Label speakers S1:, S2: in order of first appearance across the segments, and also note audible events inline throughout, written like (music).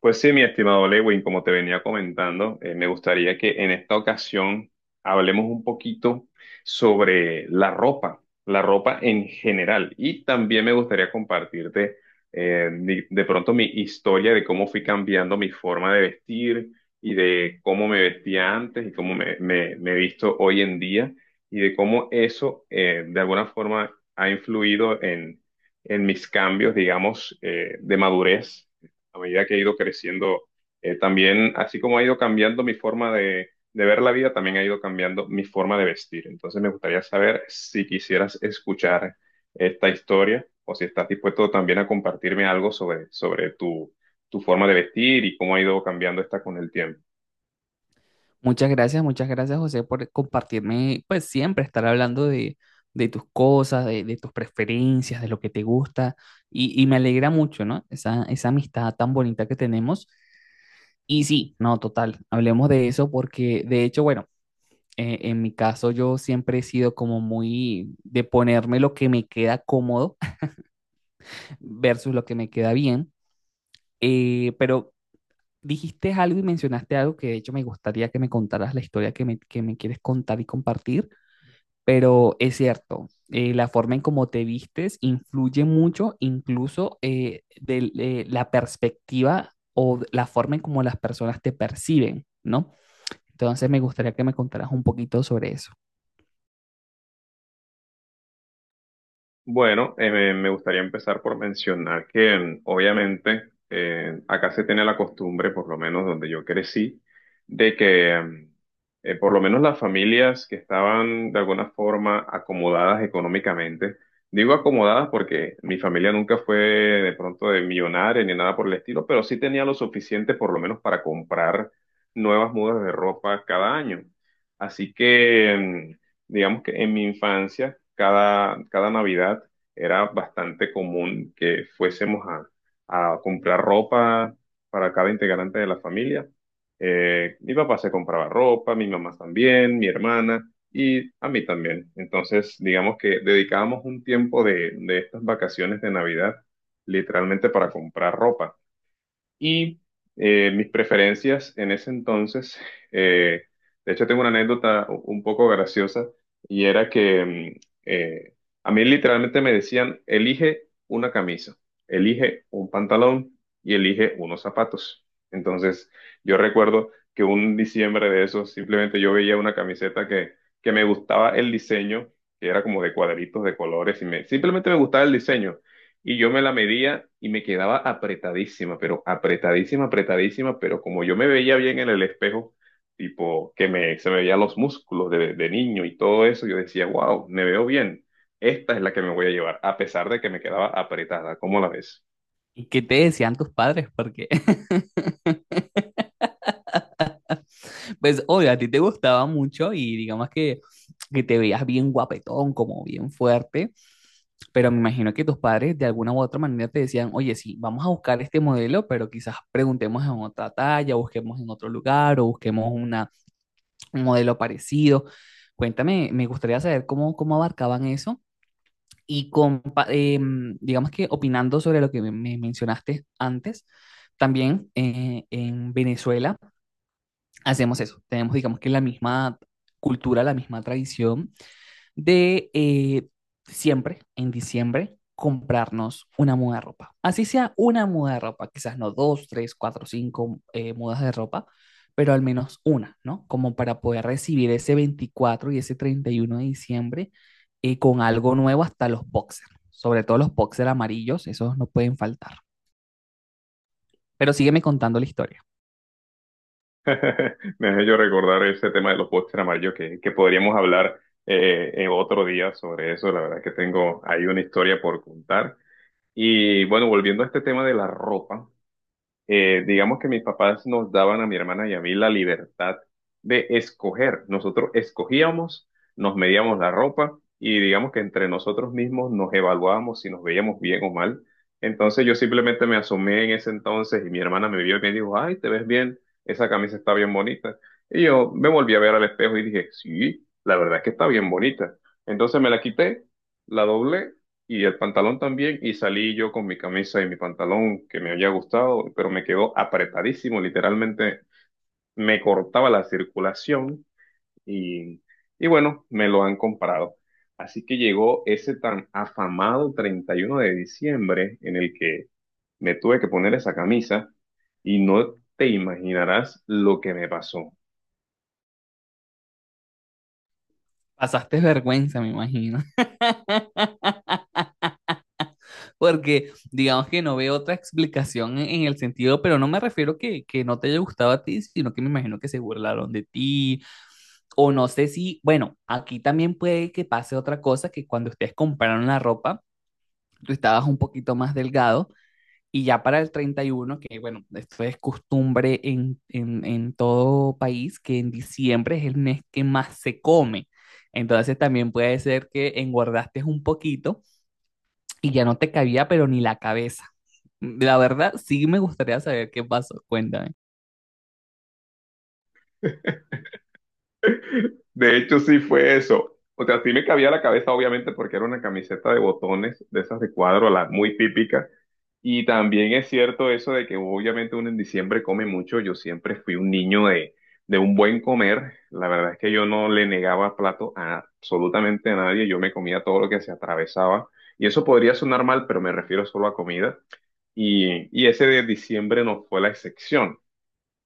S1: Pues sí, mi estimado Lewin, como te venía comentando, me gustaría que en esta ocasión hablemos un poquito sobre la ropa en general. Y también me gustaría compartirte de pronto mi historia de cómo fui cambiando mi forma de vestir y de cómo me vestía antes y cómo me he visto hoy en día y de cómo eso de alguna forma ha influido en mis cambios, digamos, de madurez a medida que he ido creciendo, también, así como ha ido cambiando mi forma de ver la vida, también ha ido cambiando mi forma de vestir. Entonces me gustaría saber si quisieras escuchar esta historia o si estás dispuesto también a compartirme algo sobre tu forma de vestir y cómo ha ido cambiando esta con el tiempo.
S2: Muchas gracias José por compartirme, pues siempre estar hablando de tus cosas, de tus preferencias, de lo que te gusta y me alegra mucho, ¿no? Esa amistad tan bonita que tenemos. Y sí, no, total, hablemos de eso porque de hecho, bueno, en mi caso yo siempre he sido como muy de ponerme lo que me queda cómodo (laughs) versus lo que me queda bien, pero dijiste algo y mencionaste algo que de hecho me gustaría que me contaras la historia que me quieres contar y compartir. Pero es cierto, la forma en cómo te vistes influye mucho, incluso de la perspectiva o de la forma en cómo las personas te perciben, ¿no? Entonces me gustaría que me contaras un poquito sobre eso.
S1: Bueno, me gustaría empezar por mencionar que obviamente acá se tiene la costumbre, por lo menos donde yo crecí, de que por lo menos las familias que estaban de alguna forma acomodadas económicamente, digo acomodadas porque mi familia nunca fue de pronto de millonaria ni nada por el estilo, pero sí tenía lo suficiente por lo menos para comprar nuevas mudas de ropa cada año. Así que... mm, digamos que en mi infancia, cada Navidad era bastante común que fuésemos a comprar ropa para cada integrante de la familia. Mi papá se compraba ropa, mi mamá también, mi hermana y a mí también. Entonces, digamos que dedicábamos un tiempo de estas vacaciones de Navidad literalmente para comprar ropa. Y mis preferencias en ese entonces, (laughs) eh, de hecho tengo una anécdota un poco graciosa y era que eh, a mí literalmente me decían, elige una camisa, elige un pantalón y elige unos zapatos. Entonces yo recuerdo que un diciembre de esos simplemente yo veía una camiseta que me gustaba el diseño, que era como de cuadritos de colores y simplemente me gustaba el diseño. Y yo me la medía y me quedaba apretadísima, pero apretadísima, apretadísima, pero como yo me veía bien en el espejo, tipo que me, se me veían los músculos de niño y todo eso, yo decía, wow, me veo bien. Esta es la que me voy a llevar, a pesar de que me quedaba apretada. ¿Cómo la ves?
S2: ¿Y qué te decían tus padres? Porque pues, obvio, a ti te gustaba mucho y digamos que te veías bien guapetón, como bien fuerte, pero me imagino que tus padres de alguna u otra manera te decían, oye, sí, vamos a buscar este modelo, pero quizás preguntemos en otra talla, busquemos en otro lugar o busquemos un modelo parecido. Cuéntame, me gustaría saber cómo, cómo abarcaban eso y digamos que opinando sobre lo que me mencionaste antes. También en Venezuela hacemos eso. Tenemos, digamos que la misma cultura, la misma tradición de siempre, en diciembre, comprarnos una muda de ropa. Así sea una muda de ropa, quizás no dos, tres, cuatro, cinco mudas de ropa, pero al menos una, ¿no? Como para poder recibir ese 24 y ese 31 de diciembre con algo nuevo hasta los boxers, sobre todo los boxers amarillos, esos no pueden faltar. Pero sígueme contando la historia.
S1: (laughs) Me hace yo recordar ese tema de los postres amarillos que podríamos hablar en otro día sobre eso. La verdad que tengo ahí una historia por contar. Y bueno, volviendo a este tema de la ropa, digamos que mis papás nos daban a mi hermana y a mí la libertad de escoger. Nosotros escogíamos, nos medíamos la ropa y digamos que entre nosotros mismos nos evaluábamos si nos veíamos bien o mal. Entonces yo simplemente me asomé en ese entonces y mi hermana me vio y me dijo, ay, te ves bien, esa camisa está bien bonita. Y yo me volví a ver al espejo y dije, sí, la verdad es que está bien bonita. Entonces me la quité, la doblé y el pantalón también, y salí yo con mi camisa y mi pantalón que me había gustado, pero me quedó apretadísimo, literalmente me cortaba la circulación y, y bueno, me lo han comprado. Así que llegó ese tan afamado 31 de diciembre en el que me tuve que poner esa camisa y no te imaginarás lo que me pasó.
S2: Pasaste vergüenza, me imagino, porque digamos que no veo otra explicación en el sentido, pero no me refiero que no te haya gustado a ti, sino que me imagino que se burlaron de ti. O no sé si, bueno, aquí también puede que pase otra cosa, que cuando ustedes compraron la ropa, tú estabas un poquito más delgado y ya para el 31 que bueno, esto es costumbre en todo país, que en diciembre es el mes que más se come. Entonces también puede ser que engordaste un poquito y ya no te cabía, pero ni la cabeza. La verdad, sí me gustaría saber qué pasó. Cuéntame.
S1: De hecho, sí fue eso. O sea, sí me cabía la cabeza, obviamente, porque era una camiseta de botones, de esas de cuadro, la muy típica. Y también es cierto eso de que obviamente uno en diciembre come mucho. Yo siempre fui un niño de un buen comer. La verdad es que yo no le negaba plato a absolutamente a nadie. Yo me comía todo lo que se atravesaba. Y eso podría sonar mal, pero me refiero solo a comida. Y ese de diciembre no fue la excepción.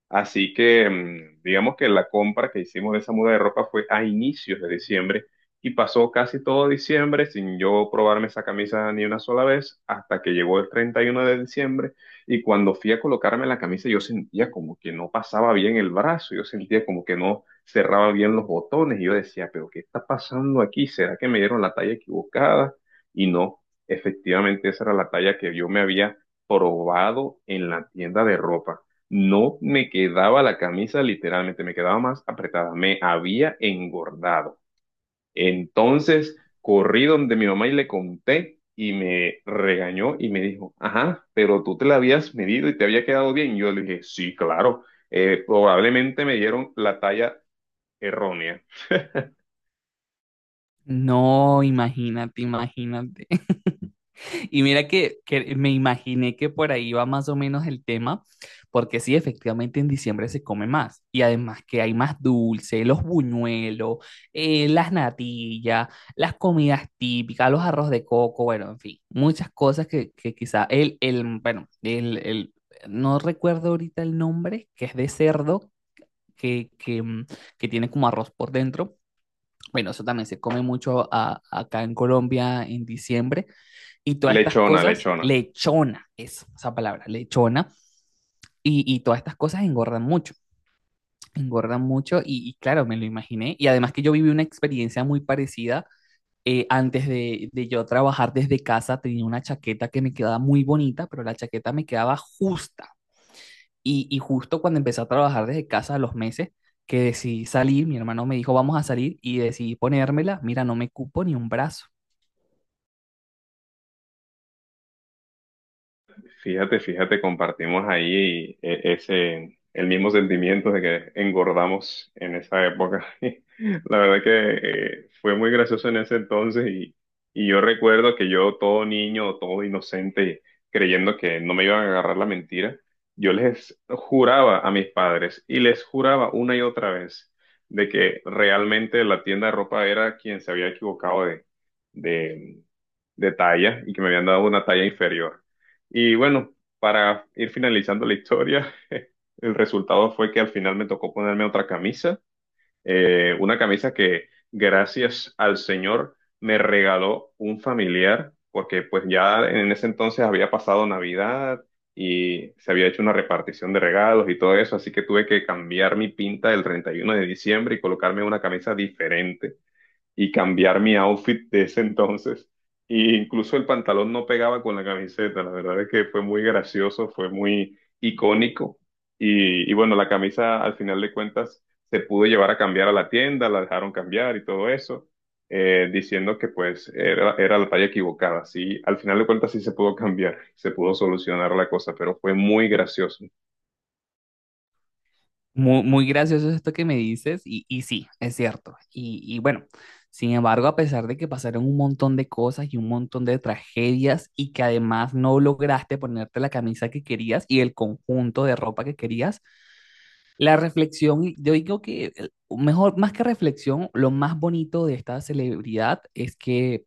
S1: Así que digamos que la compra que hicimos de esa muda de ropa fue a inicios de diciembre y pasó casi todo diciembre sin yo probarme esa camisa ni una sola vez hasta que llegó el 31 de diciembre y cuando fui a colocarme la camisa yo sentía como que no pasaba bien el brazo, yo sentía como que no cerraba bien los botones y yo decía, pero ¿qué está pasando aquí? ¿Será que me dieron la talla equivocada? Y no, efectivamente esa era la talla que yo me había probado en la tienda de ropa, no me quedaba la camisa literalmente, me quedaba más apretada, me había engordado. Entonces corrí donde mi mamá y le conté y me regañó y me dijo, ajá, pero tú te la habías medido y te había quedado bien. Y yo le dije, sí, claro, probablemente me dieron la talla errónea.
S2: No, imagínate, imagínate. (laughs) Y mira que me imaginé que por ahí va más o menos el tema, porque sí, efectivamente en diciembre se come más. Y además que hay más dulce, los buñuelos, las natillas, las comidas típicas, los arroz de coco, bueno, en fin, muchas cosas que quizá bueno, no recuerdo ahorita el nombre, que es de cerdo, que, que, mm, que tiene como arroz por dentro, bueno, eso también se come mucho acá en Colombia en diciembre. Y todas estas
S1: Lechona,
S2: cosas,
S1: lechona.
S2: lechona es esa palabra, lechona. Y todas estas cosas engordan mucho, engordan mucho. Y claro, me lo imaginé. Y además que yo viví una experiencia muy parecida. Antes de yo trabajar desde casa, tenía una chaqueta que me quedaba muy bonita, pero la chaqueta me quedaba justa y justo cuando empecé a trabajar desde casa a los meses, que decidí salir, mi hermano me dijo, vamos a salir, y decidí ponérmela, mira, no me cupo ni un brazo.
S1: Fíjate, fíjate, compartimos ahí el mismo sentimiento de que engordamos en esa época. (laughs) La verdad que fue muy gracioso en ese entonces y yo recuerdo que yo, todo niño, todo inocente, creyendo que no me iban a agarrar la mentira, yo les juraba a mis padres y les juraba una y otra vez de que realmente la tienda de ropa era quien se había equivocado de, de talla y que me habían dado una talla inferior. Y bueno, para ir finalizando la historia, (laughs) el resultado fue que al final me tocó ponerme otra camisa, una camisa que gracias al Señor me regaló un familiar, porque pues ya en ese entonces había pasado Navidad y se había hecho una repartición de regalos y todo eso, así que tuve que cambiar mi pinta el 31 de diciembre y colocarme una camisa diferente y cambiar mi outfit de ese entonces. Y incluso el pantalón no pegaba con la camiseta. La verdad es que fue muy gracioso, fue muy icónico. Y bueno, la camisa al final de cuentas se pudo llevar a cambiar a la tienda, la dejaron cambiar y todo eso, diciendo que pues era, era la talla equivocada. Sí, al final de cuentas sí se pudo cambiar, se pudo solucionar la cosa, pero fue muy gracioso.
S2: Muy, muy gracioso es esto que me dices, y sí, es cierto. Y bueno, sin embargo, a pesar de que pasaron un montón de cosas y un montón de tragedias, y que además no lograste ponerte la camisa que querías y el conjunto de ropa que querías, la reflexión, yo digo que mejor, más que reflexión, lo más bonito de esta celebridad es que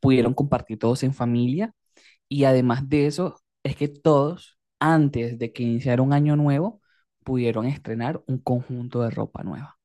S2: pudieron compartir todos en familia y además de eso es que todos, antes de que iniciara un año nuevo, pudieron estrenar un conjunto de ropa nueva.